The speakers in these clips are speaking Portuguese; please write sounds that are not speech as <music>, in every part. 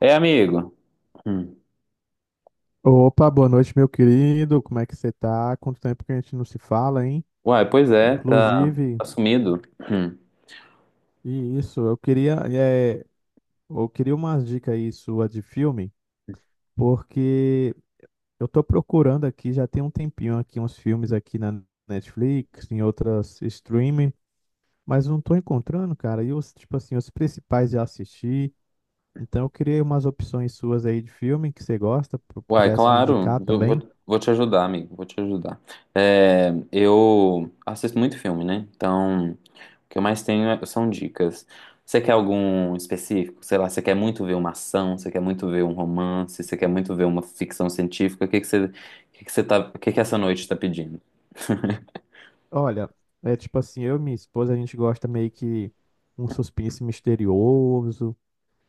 É, amigo. Hum. Opa, boa noite, meu querido. Como é que você tá? Quanto tempo que a gente não se fala, hein? Uai, pois é, tá, Inclusive, tá sumido. Hum. e isso, eu queria umas dicas aí sua de filme, porque eu tô procurando aqui, já tem um tempinho aqui, uns filmes aqui na Netflix, em outras streaming, mas não tô encontrando, cara. Tipo assim, os principais já assisti. Então eu queria umas opções suas aí de filme que você gosta, Uai, pudesse me claro, indicar eu vou, também. vou te ajudar, amigo, vou te ajudar. É, eu assisto muito filme, né? Então, o que eu mais tenho são dicas. Você quer algum específico? Sei lá, você quer muito ver uma ação, você quer muito ver um romance, você quer muito ver uma ficção científica? O que que você tá, o que que essa noite tá pedindo? <laughs> Olha, é tipo assim, eu e minha esposa, a gente gosta meio que um suspense misterioso.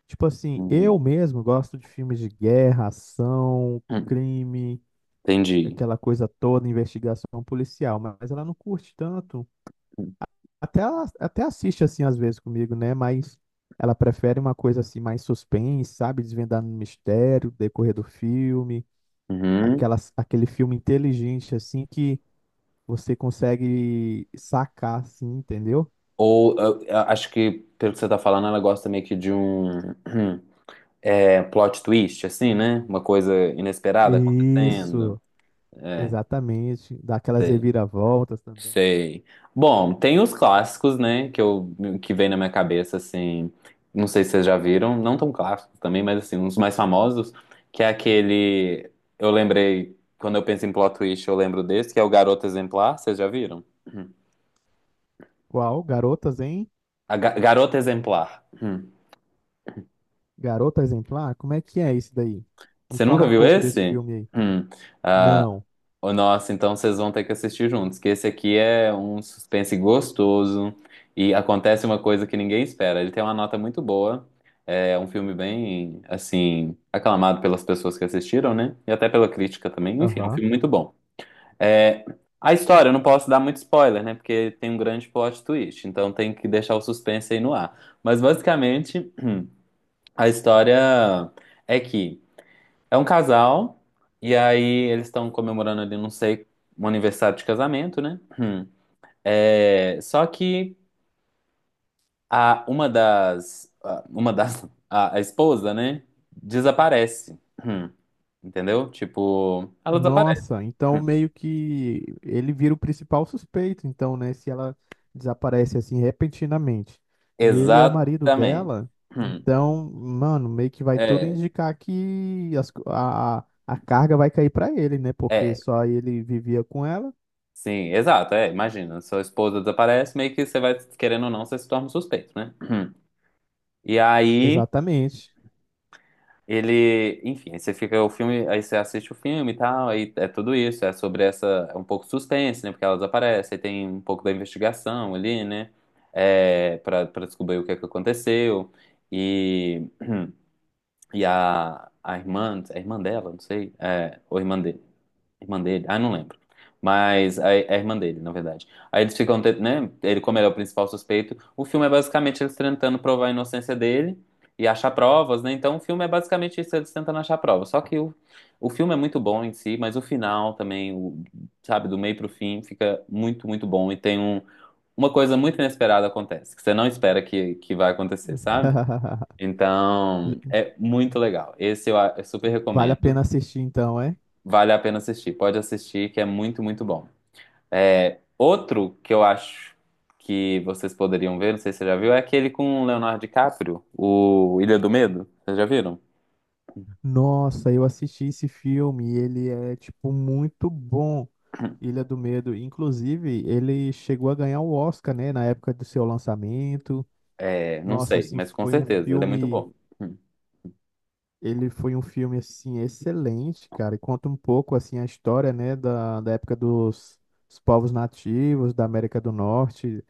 Tipo assim, Hum. eu mesmo gosto de filmes de guerra, ação, crime, Entendi. aquela coisa toda, investigação policial, mas ela não curte tanto. Até assiste assim às vezes comigo, né? Mas ela prefere uma coisa assim mais suspense, sabe? Desvendando o mistério, decorrer do filme, Uhum. aquele filme inteligente assim que você consegue sacar assim, entendeu? Ou eu acho que, pelo que você tá falando, ela gosta meio que de um <clears throat> plot twist, assim, né? Uma coisa inesperada acontecendo. Isso, exatamente. Dá aquelas Sei, reviravoltas também. sei. Bom, tem os clássicos, né? Que vem na minha cabeça, assim. Não sei se vocês já viram, não tão clássicos também, mas assim, uns mais famosos, que é aquele. Eu lembrei, quando eu penso em plot twist, eu lembro desse, que é o Garota Exemplar, vocês já viram? Hum. Qual? Garotas, hein? A Garota Exemplar. Hum. Garota Exemplar? Como é que é isso daí? Me Você fala nunca um viu pouco desse esse? filme aí. Hum. Não. Ô, nossa, então vocês vão ter que assistir juntos, que esse aqui é um suspense gostoso e acontece uma coisa que ninguém espera. Ele tem uma nota muito boa, é um filme bem, assim, aclamado pelas pessoas que assistiram, né? E até pela crítica também. Enfim, é um Aham. filme muito bom. É, a história, eu não posso dar muito spoiler, né? Porque tem um grande plot twist, então tem que deixar o suspense aí no ar. Mas basicamente, a história é que é um casal, e aí eles estão comemorando ali, não sei, um aniversário de casamento, né? Hum. É, só que a esposa, né? Desaparece. Hum. Entendeu? Tipo, ela desaparece. Nossa, então Hum. meio que ele vira o principal suspeito, então, né? Se ela desaparece assim repentinamente. E ele é o marido Exatamente. dela, Hum. então, mano, meio que vai tudo É, indicar que a carga vai cair pra ele, né? Porque é, só ele vivia com ela. sim, exato. É, imagina, sua esposa desaparece, meio que você vai, querendo ou não, você se torna um suspeito, né? Hum. E aí. Exatamente. Ele, enfim, aí você fica o filme, aí você assiste o filme e tal, aí é tudo isso, é sobre essa, é um pouco suspense, né, porque elas aparecem, aí tem um pouco da investigação ali, né, pra descobrir o que é que aconteceu, e, e a irmã dela, não sei, ou irmã de. Irmã dele? Ah, não lembro. Mas é a irmã dele, na verdade. Aí eles ficam, né? Ele, como ele é o principal suspeito, o filme é basicamente eles tentando provar a inocência dele e achar provas, né? Então o filme é basicamente isso, eles tentando achar provas. Só que o filme é muito bom em si, mas o final também, sabe, do meio pro fim, fica muito, muito bom. E tem uma coisa muito inesperada acontece, que você não espera que vai acontecer, sabe? <laughs> Então, é muito legal. Esse eu super Vale a recomendo. pena assistir então, é? Vale a pena assistir. Pode assistir, que é muito, muito bom. É, outro que eu acho que vocês poderiam ver, não sei se você já viu, é aquele com o Leonardo DiCaprio, o Ilha do Medo. Vocês já viram? Nossa, eu assisti esse filme, ele é tipo muito bom. Ilha do Medo, inclusive, ele chegou a ganhar o Oscar, né, na época do seu lançamento. É, não Nossa, sei, assim, mas com certeza, ele é muito bom. Hum, ele foi um filme assim excelente, cara. E conta um pouco assim a história, né, da, da época dos povos nativos da América do Norte.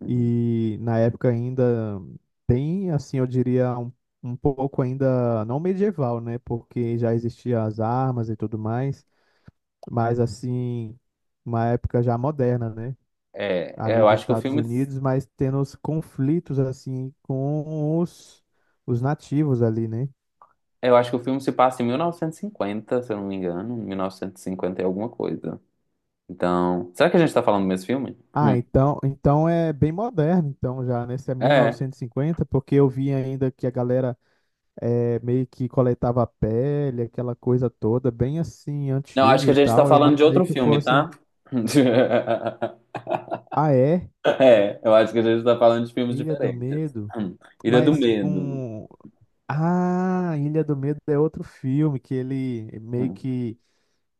uhum. E na época ainda tem, assim, eu diria, um pouco ainda não medieval, né? Porque já existiam as armas e tudo mais, mas assim, uma época já moderna, né? É, é, Ali eu dos acho que o Estados filme, Unidos, mas tendo os conflitos, assim, com os nativos ali, né? eu acho que o filme se passa em 1950, se eu não me engano, 1950 e cinquenta e alguma coisa. Então, será que a gente tá falando do mesmo filme? Hum. Ah, então é bem moderno, então já, né? Se é É. 1950, porque eu vi ainda que a galera meio que coletava a pele, aquela coisa toda, bem assim, Não, acho antiga que a e gente tá tal. Eu falando de imaginei outro que filme, fosse, tá? <laughs> ah, é? É, eu acho que a gente tá falando de filmes Ilha do diferentes. Medo, Hum. Ilha do mas Medo. com, Ilha do Medo é outro filme que ele meio Hum. que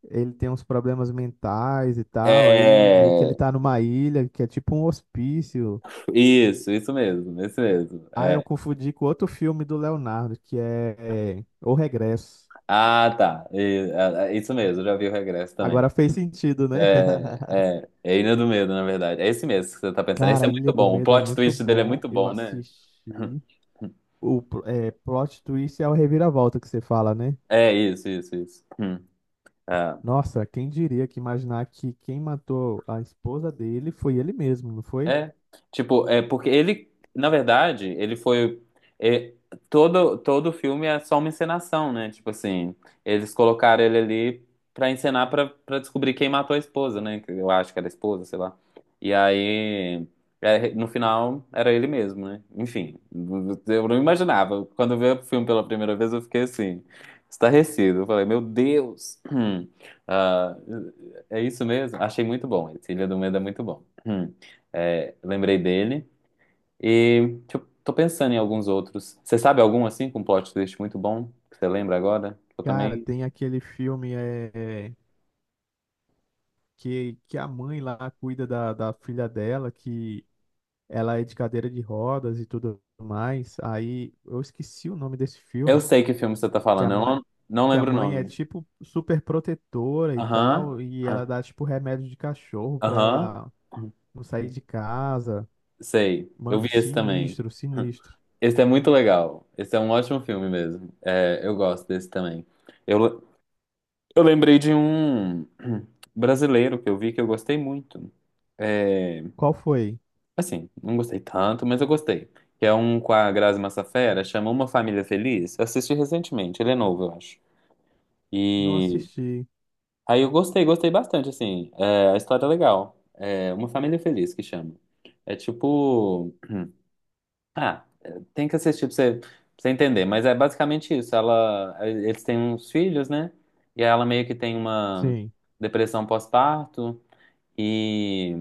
ele tem uns problemas mentais e tal, aí meio que ele É, tá numa ilha que é tipo um hospício. isso mesmo, isso mesmo. Ah, eu É. confundi com outro filme do Leonardo, que é O Regresso. Ah, tá. Isso mesmo, já vi o Regresso também. Agora fez sentido, né? <laughs> É Ilha do Medo, na verdade. É esse mesmo que você tá pensando. Esse é Cara, Ilha muito do bom. O Medo é plot muito twist dele é bom. muito Eu bom, né? assisti o pl- é, plot twist é o reviravolta que você fala, né? É isso, isso, isso. Hum. É. Nossa, quem diria que imaginar que quem matou a esposa dele foi ele mesmo, não foi? É, tipo, é porque ele, na verdade, ele foi é, todo todo o filme é só uma encenação, né? Tipo assim, eles colocaram ele ali pra encenar pra para descobrir quem matou a esposa, né? Que eu acho que era a esposa, sei lá. E aí, no final era ele mesmo, né? Enfim, eu não imaginava. Quando eu vi o filme pela primeira vez, eu fiquei assim, estarrecido. Eu falei, meu Deus. <clears throat> Ah, é isso mesmo? Achei muito bom. Esse Ilha do Medo é muito bom. <clears throat> É, lembrei dele. E tipo, tô pensando em alguns outros. Você sabe algum assim com plot twist muito bom que você lembra agora? Eu Cara, também. tem aquele filme é, que a mãe lá cuida da filha dela, que ela é de cadeira de rodas e tudo mais. Aí eu esqueci o nome desse Eu filme. sei que filme você tá Que a falando, eu mãe, não, não que a lembro o mãe é nome. tipo super protetora e Aham. tal, e ela Aham. dá tipo remédio de cachorro pra Aham. ela não sair de casa. Sei. Eu vi Mano, esse também. sinistro, sinistro. Esse é muito legal. Esse é um ótimo filme mesmo. É, eu gosto desse também. Eu, eu lembrei de um <clears throat> brasileiro que eu vi que eu gostei muito. É, Qual foi? assim, não gostei tanto, mas eu gostei. Que é um com a Grazi Massafera, chama Uma Família Feliz. Eu assisti recentemente, ele é novo, eu acho. Não E assisti. aí eu gostei bastante, assim. É, a história é legal. É Uma Família Feliz que chama. É tipo. Ah, é, tem que assistir pra você, entender, mas é basicamente isso. Eles têm uns filhos, né? E ela meio que tem uma Sim, depressão pós-parto. E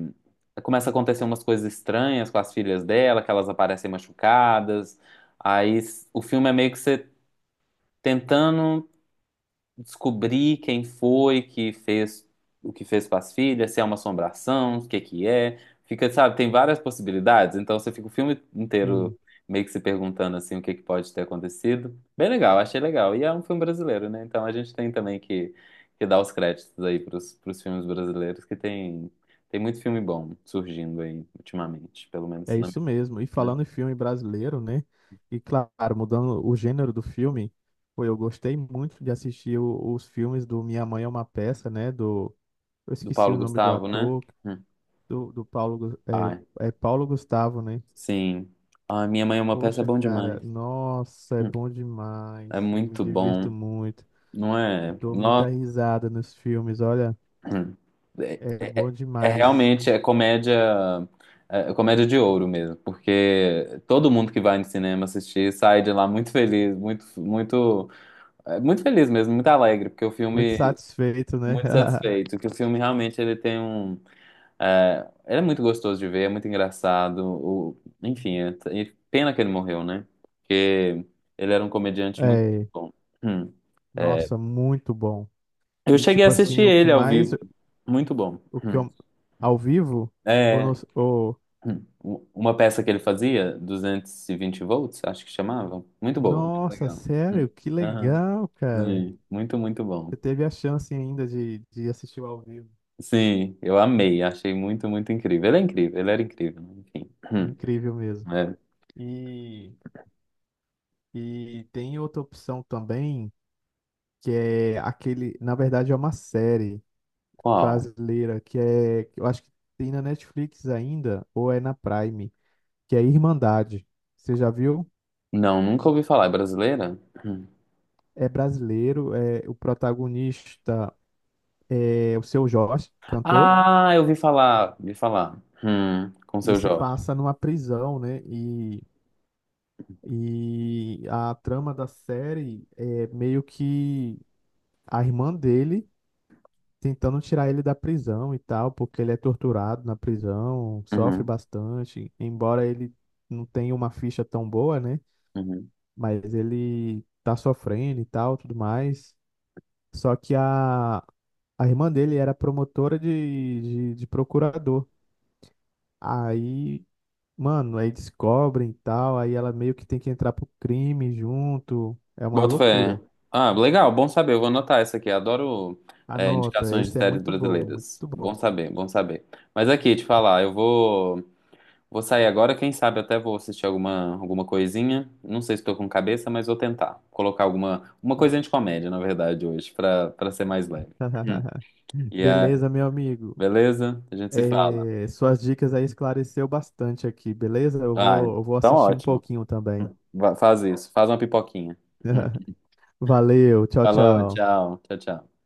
começa a acontecer umas coisas estranhas com as filhas dela, que elas aparecem machucadas. O filme é meio que você tentando descobrir quem foi que fez o que fez com as filhas, se é uma assombração, o que que é. Fica, sabe, tem várias possibilidades, então você fica o filme sim. inteiro meio que se perguntando assim o que que pode ter acontecido. Bem legal, achei legal. E é um filme brasileiro, né? Então a gente tem também que dar os créditos aí pros filmes brasileiros, que tem muito filme bom surgindo aí ultimamente, pelo menos É na minha, isso mesmo. E né? falando em filme brasileiro, né? E claro, mudando o gênero do filme, pô, eu gostei muito de assistir os filmes do Minha Mãe é uma Peça, né? Do, eu Do esqueci Paulo o nome do Gustavo, né? ator, Hum. do Paulo, Ai, Paulo Gustavo, né? sim. Ai, Minha Mãe é uma Peça é Poxa, bom cara, demais. nossa, é Hum. bom É demais. Eu me muito bom, divirto muito. não é? Dou muita Nossa, risada nos filmes, olha, <clears throat> é, é é- bom é é demais. realmente é comédia, é comédia de ouro mesmo, porque todo mundo que vai no cinema assistir sai de lá muito feliz, muito, muito, muito feliz mesmo, muito alegre, porque o Muito filme satisfeito, né? muito <laughs> satisfeito, que o filme realmente ele tem é, ele é muito gostoso de ver, é muito engraçado, enfim, e pena que ele morreu, né? Porque ele era um comediante muito É, bom. <clears throat> Hum. nossa, muito bom. Eu E cheguei a tipo assistir assim, o que ele ao mais, vivo. Muito bom. o que Hum. eu, ao vivo, ou, É, no, ou uma peça que ele fazia, 220 volts, acho que chamava. Muito boa, muito nossa, legal. Hum. sério, que Aham, legal, cara. sim, muito, muito bom. Você teve a chance ainda de assistir o ao vivo. Sim, eu amei, achei muito, muito incrível. Ele é incrível, ele era incrível, né? Enfim. Hum. Incrível mesmo. É. E, e tem outra opção também que é aquele, na verdade é uma série Qual? brasileira que eu acho que tem na Netflix ainda ou é na Prime, que é Irmandade. Você já viu? Não, nunca ouvi falar. É brasileira? Hum. É brasileiro, é o protagonista é o Seu Jorge, cantor, Ah, eu ouvi falar, ouvi falar. Com o e Seu se Jorge. passa numa prisão, né? E a trama da série é meio que a irmã dele tentando tirar ele da prisão e tal, porque ele é torturado na prisão, sofre Uhum, bastante, embora ele não tenha uma ficha tão boa, né? uhum. Mas ele tá sofrendo e tal, tudo mais. Só que a irmã dele era promotora de procurador. Aí, mano, aí descobrem e tal, aí ela meio que tem que entrar pro crime junto. É uma Boto fé. loucura. Ah, legal, bom saber. Eu vou anotar essa aqui. Adoro, Anota, indicações de esse é séries muito bom, brasileiras. muito Bom bom. saber, bom saber. Mas aqui, te falar, eu vou sair agora. Quem sabe até vou assistir alguma, alguma coisinha. Não sei se tô com cabeça, mas vou tentar colocar alguma uma coisinha de comédia, na verdade, hoje, pra ser mais leve. Hum. <laughs> E a, Beleza, meu amigo. beleza? A gente se fala. Suas dicas aí esclareceu bastante aqui, beleza? Eu Ah, vou, eu vou então assistir um ótimo. pouquinho também. Hum. Faz isso, faz uma pipoquinha. Hum. <laughs> Valeu, tchau, Falou, tchau. tchau, tchau, tchau.